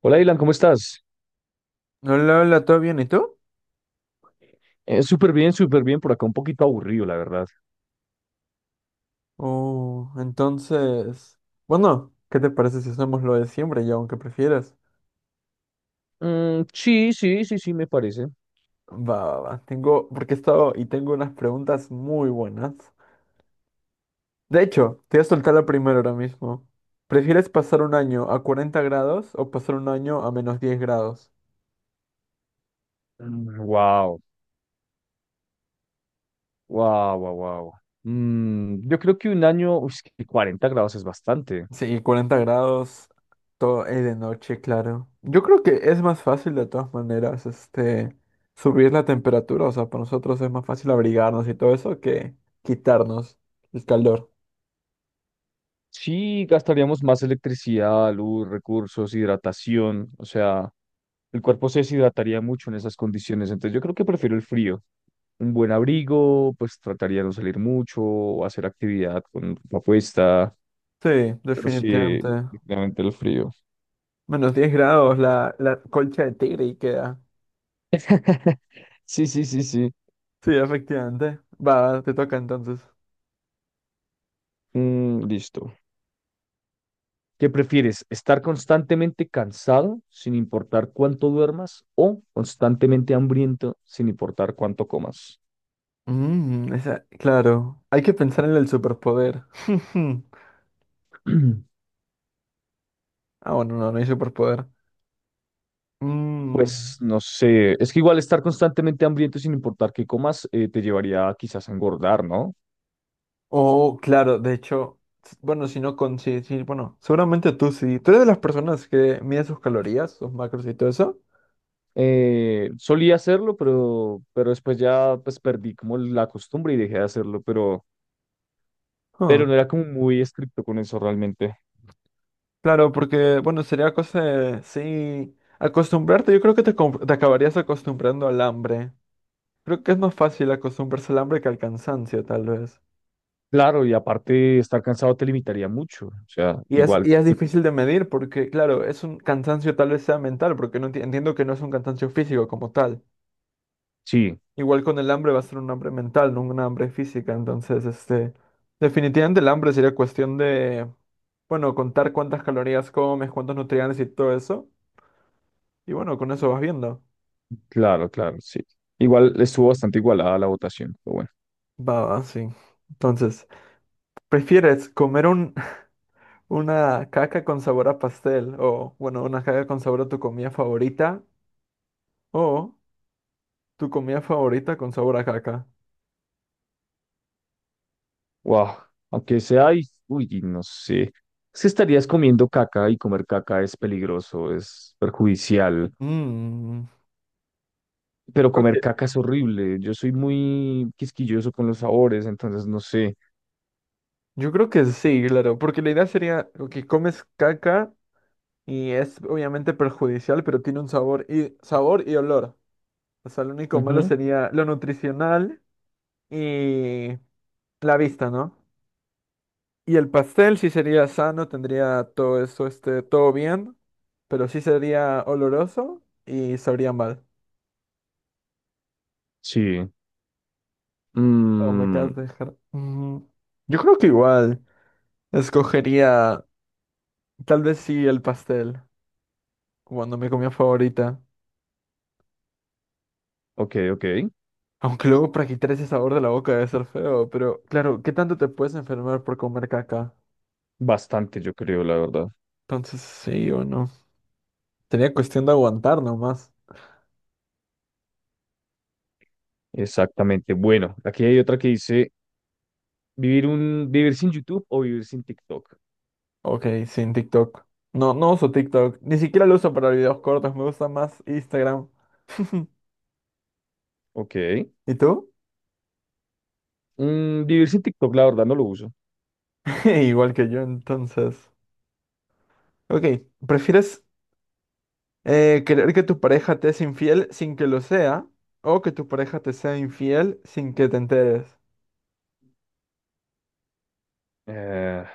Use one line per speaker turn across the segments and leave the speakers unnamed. Hola, Dylan, ¿cómo estás?
Hola, hola, ¿todo bien? ¿Y tú?
Súper bien, súper bien. Por acá un poquito aburrido, la verdad.
Oh, entonces, bueno, ¿qué te parece si hacemos lo de siempre y aunque prefieras?
Sí, sí, sí, sí, me parece.
Va, va, va, tengo, porque he estado y tengo unas preguntas muy buenas. De hecho, te voy a soltar la primera ahora mismo. ¿Prefieres pasar un año a 40 grados o pasar un año a menos 10 grados?
Wow, wow, wow, wow. Yo creo que un año, uy, es que 40 grados es bastante.
Sí, 40 grados, todo es de noche, claro. Yo creo que es más fácil de todas maneras, subir la temperatura, o sea, para nosotros es más fácil abrigarnos y todo eso que quitarnos el calor.
Sí, gastaríamos más electricidad, luz, recursos, hidratación. O sea, el cuerpo se deshidrataría mucho en esas condiciones. Entonces, yo creo que prefiero el frío. Un buen abrigo, pues trataría de no salir mucho, o hacer actividad con ropa puesta.
Sí,
Pero sí,
definitivamente.
definitivamente el frío.
Menos 10 grados la colcha de tigre y queda.
Sí, sí, sí, sí.
Sí, efectivamente. Va, te toca entonces.
Listo. ¿Qué prefieres? ¿Estar constantemente cansado sin importar cuánto duermas o constantemente hambriento sin importar cuánto comas?
Mm, claro. Hay que pensar en el superpoder. Ah, bueno, no, no hay superpoder. Mm.
Pues no sé, es que igual estar constantemente hambriento sin importar qué comas te llevaría quizás a engordar, ¿no?
Oh, claro, de hecho, bueno, si no con sí, sí, bueno, seguramente tú sí. ¿Tú eres de las personas que mide sus calorías, sus macros y todo eso?
Solía hacerlo, pero después ya pues perdí como la costumbre y dejé de hacerlo,
Ah,
pero no era como muy estricto con eso realmente.
claro, porque, bueno, sería cosa de, sí, acostumbrarte. Yo creo que te acabarías acostumbrando al hambre. Creo que es más fácil acostumbrarse al hambre que al cansancio, tal vez.
Claro, y aparte estar cansado te limitaría mucho. O sea,
Y es,
igual,
y es difícil de medir porque, claro, es un cansancio tal vez sea mental, porque entiendo que no es un cansancio físico como tal.
sí,
Igual con el hambre va a ser un hambre mental, no una hambre física. Entonces, definitivamente el hambre sería cuestión de, bueno, contar cuántas calorías comes, cuántos nutrientes y todo eso. Y bueno, con eso vas viendo.
claro, claro, sí. Igual estuvo bastante igualada la votación, pero bueno.
Va, va, sí. Entonces, ¿prefieres una caca con sabor a pastel o, bueno, una caca con sabor a tu comida favorita o tu comida favorita con sabor a caca?
Wow, aunque sea, y, uy, y no sé. Si estarías comiendo caca y comer caca es peligroso, es perjudicial,
Mmm.
pero comer caca es horrible. Yo soy muy quisquilloso con los sabores, entonces no sé.
Yo creo que sí, claro, porque la idea sería que comes caca. Y es obviamente perjudicial, pero tiene un sabor y sabor y olor. O sea, lo único malo
Ujú.
sería lo nutricional y la vista, ¿no? Y el pastel sí sería sano, tendría todo eso, todo bien, pero sí sería oloroso y sabría mal.
Sí.
Oh, me
Mm,
acabas de dejar. Mm, yo creo que igual escogería, tal vez sí el pastel, cuando mi comida favorita.
ok, ok.
Aunque luego para quitar ese sabor de la boca debe ser feo, pero claro, ¿qué tanto te puedes enfermar por comer caca?
Bastante, yo creo, la verdad.
Entonces, sí o no. Sería cuestión de aguantar nomás.
Exactamente. Bueno, aquí hay otra que dice. Vivir sin YouTube o vivir sin TikTok.
Ok, sin TikTok. No, no uso TikTok. Ni siquiera lo uso para videos cortos. Me gusta más Instagram.
Ok.
¿Y tú?
Vivir sin TikTok, la verdad, no lo uso.
Igual que yo, entonces. Ok, ¿prefieres querer que tu pareja te es infiel sin que lo sea o que tu pareja te sea infiel sin que te enteres?
Eh,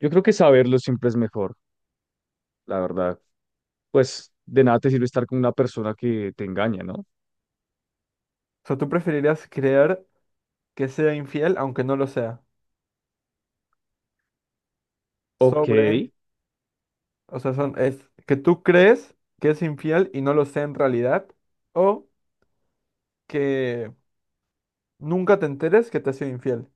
yo creo que saberlo siempre es mejor, la verdad. Pues de nada te sirve estar con una persona que te engaña, ¿no?
O sea, ¿tú preferirías creer que sea infiel aunque no lo sea?
Ok.
Sobre, o sea, son, es que tú crees que es infiel y no lo sé en realidad, o que nunca te enteres que te ha sido infiel.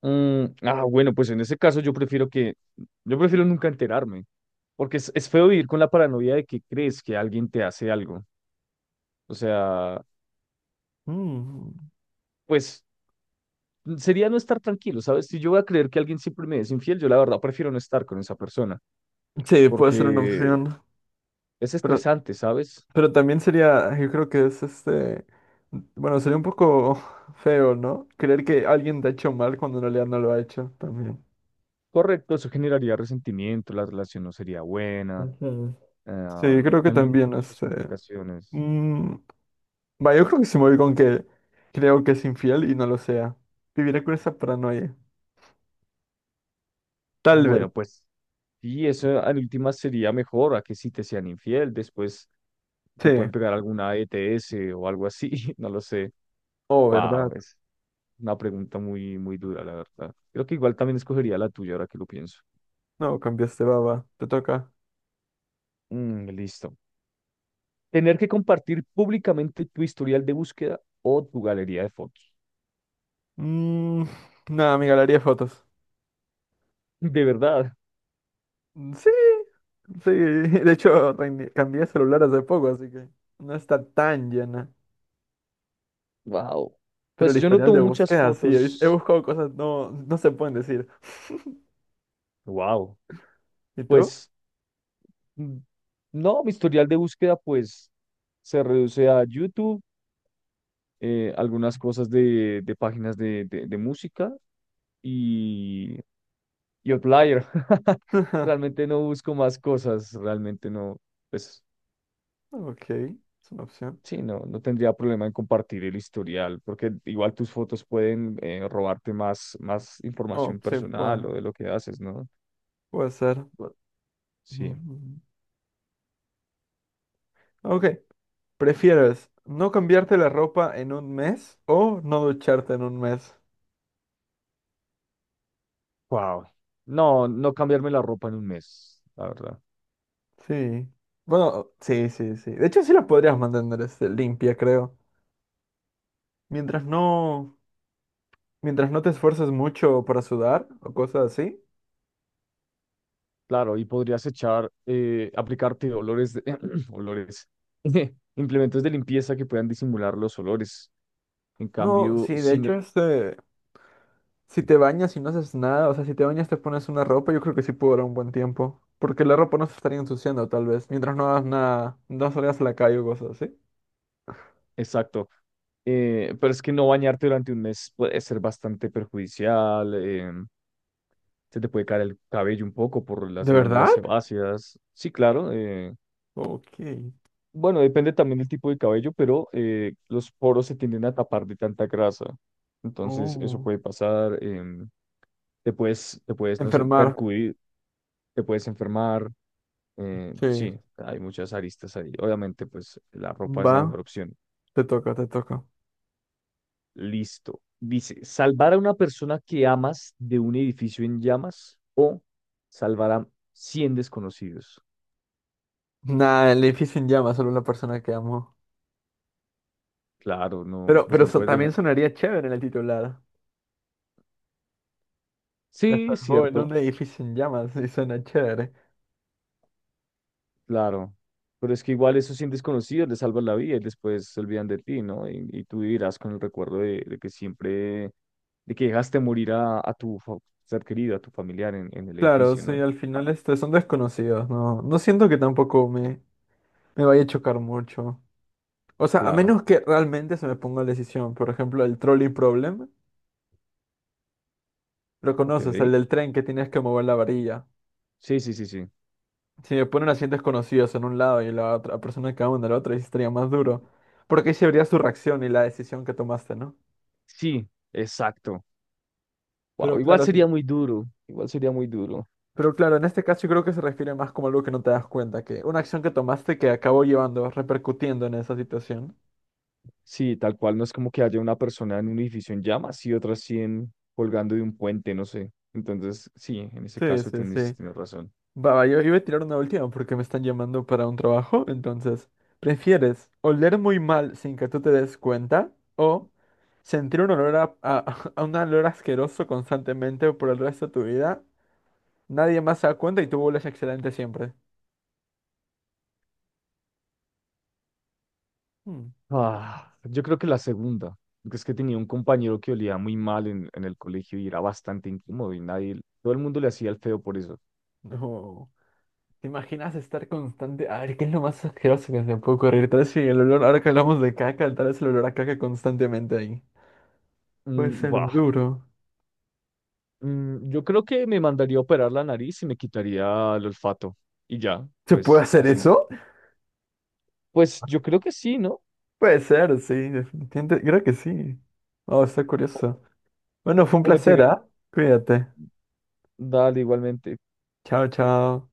Bueno, pues en ese caso yo prefiero nunca enterarme, porque es feo vivir con la paranoia de que crees que alguien te hace algo. O sea,
Mm,
pues sería no estar tranquilo, ¿sabes? Si yo voy a creer que alguien siempre me es infiel, yo la verdad prefiero no estar con esa persona,
sí, puede ser una mm,
porque
opción,
es
pero,
estresante, ¿sabes?
pero también sería, yo creo que es bueno, sería un poco feo, ¿no? Creer que alguien te ha hecho mal cuando en realidad no lo ha hecho también.
Correcto, eso generaría resentimiento, la relación no sería buena,
Ujú. Sí, yo creo que
tendría
también,
muchas complicaciones.
mm, va, yo creo que sí me voy con que creo que es infiel y no lo sea. Viviré con esa paranoia. Tal vez.
Bueno, pues sí, eso en últimas sería mejor a que si te sean infiel, después
Sí.
te pueden pegar alguna ETS o algo así. No lo sé.
Oh, ¿verdad?
Wow, es una pregunta muy, muy dura, la verdad. Creo que igual también escogería la tuya ahora que lo pienso.
No, cambiaste baba. Te toca.
Listo. Tener que compartir públicamente tu historial de búsqueda o tu galería de fotos.
Mm, nada, amiga, le haría fotos.
De verdad.
Mm, sí, sí. De hecho, cambié de celular hace poco, así que no está tan llena.
Wow.
Pero
Pues
el
yo no
historial
tomo
de
muchas
búsqueda, sí. He
fotos.
buscado cosas no, no se pueden decir.
Wow.
¿Y tú?
Pues mm, no, mi historial de búsqueda pues se reduce a YouTube, algunas cosas de, de páginas de música y, y Outlier. Realmente no busco más cosas, realmente no, pues
Ok, es una opción.
sí, no, no tendría problema en compartir el historial, porque igual tus fotos pueden robarte más, más
Oh,
información
sí,
personal o
bueno,
de lo que haces, ¿no?
puede ser.
Bu-
Mm,
Sí.
mm, ok, ¿prefieres no cambiarte la ropa en un mes o no ducharte en un mes?
Wow. No, no cambiarme la ropa en un mes, la verdad.
Sí. Bueno, sí, sí, sí. De hecho, sí la podrías mantener limpia, creo. Mientras no, mientras no te esfuerces mucho para sudar o cosas así.
Claro, y podrías echar, aplicarte olores, olores, implementos de limpieza que puedan disimular los olores. En
No,
cambio,
sí, de hecho, si te bañas y no haces nada, o sea, si te bañas te pones una ropa, yo creo que sí puede durar un buen tiempo. Porque la ropa no se estaría ensuciando, tal vez, mientras no hagas nada, no salgas a la calle o cosas así.
exacto. Pero es que no bañarte durante un mes puede ser bastante perjudicial. Se te puede caer el cabello un poco por
¿De
las glándulas
verdad?
sebáceas. Sí, claro.
Ok.
Bueno, depende también del tipo de cabello, pero los poros se tienden a tapar de tanta grasa. Entonces, eso
Oh.
puede pasar. Te puedes no sé,
Enfermar.
percudir, te puedes enfermar.
Sí.
Sí, hay muchas aristas ahí. Obviamente, pues la ropa es
Va,
la mejor opción.
te toca, te toca.
Listo. Dice, salvar a una persona que amas de un edificio en llamas o salvar a 100 desconocidos.
Nada, el edificio en llamas, solo la persona que amo.
Claro, no,
Pero,
pues
pero
no
so-
puedes
también
dejar.
sonaría chévere en el titular. La
Sí,
salvó en
cierto.
un edificio en llamas y suena chévere.
Claro, pero es que igual esos 100 desconocidos les salvan la vida y después se olvidan de ti, ¿no? Y tú vivirás con el recuerdo de que siempre, de que dejaste morir a, ser querido, a tu familiar en el
Claro,
edificio,
sí,
¿no?
al final son desconocidos, ¿no? No siento que tampoco me, me vaya a chocar mucho. O sea, a
Claro,
menos que realmente se me ponga la decisión. Por ejemplo, el trolley problem. Lo conoces, el
ok.
del tren que tienes que mover la varilla.
Sí, sí, sí, sí.
Si me ponen así desconocidos en un lado y la otra persona que va en el otro, ahí sí estaría más duro. Porque ahí se vería su reacción y la decisión que tomaste, ¿no?
Sí, exacto. Wow,
Pero
igual
claro, si
sería muy duro, igual sería muy duro.
pero claro, en este caso yo creo que se refiere más como algo que no te das cuenta, que una acción que tomaste que acabó llevando, repercutiendo en esa situación.
Sí, tal cual, no es como que haya una persona en un edificio en llamas y otras 100 colgando de un puente, no sé. Entonces, sí, en ese
Sí,
caso
sí, sí.
tienes, tienes razón.
Va, va, yo iba a tirar una última porque me están llamando para un trabajo, entonces, ¿prefieres oler muy mal sin que tú te des cuenta o sentir un olor a un olor asqueroso constantemente por el resto de tu vida? Nadie más se da cuenta y tú hueles excelente siempre. Hmm.
Ah, yo creo que la segunda, porque es que tenía un compañero que olía muy mal en el colegio y era bastante incómodo y nadie, todo el mundo le hacía el feo por eso.
No. ¿Te imaginas estar constante? A ver, ¿qué es lo más asqueroso que se puede ocurrir? Tal vez si el olor, ahora que hablamos de caca, tal vez el olor a caca constantemente ahí. Puede
Mm,
ser
buah,
duro.
yo creo que me mandaría a operar la nariz y me quitaría el olfato y ya,
¿Se puede
pues
hacer
así,
eso?
pues yo creo que sí, ¿no?
Puede ser, sí, definitivamente. Creo que sí. Oh, está
O,
curioso. Bueno, fue un
o me
placer,
pega,
¿ah? Cuídate.
dale igualmente,
Chao, chao.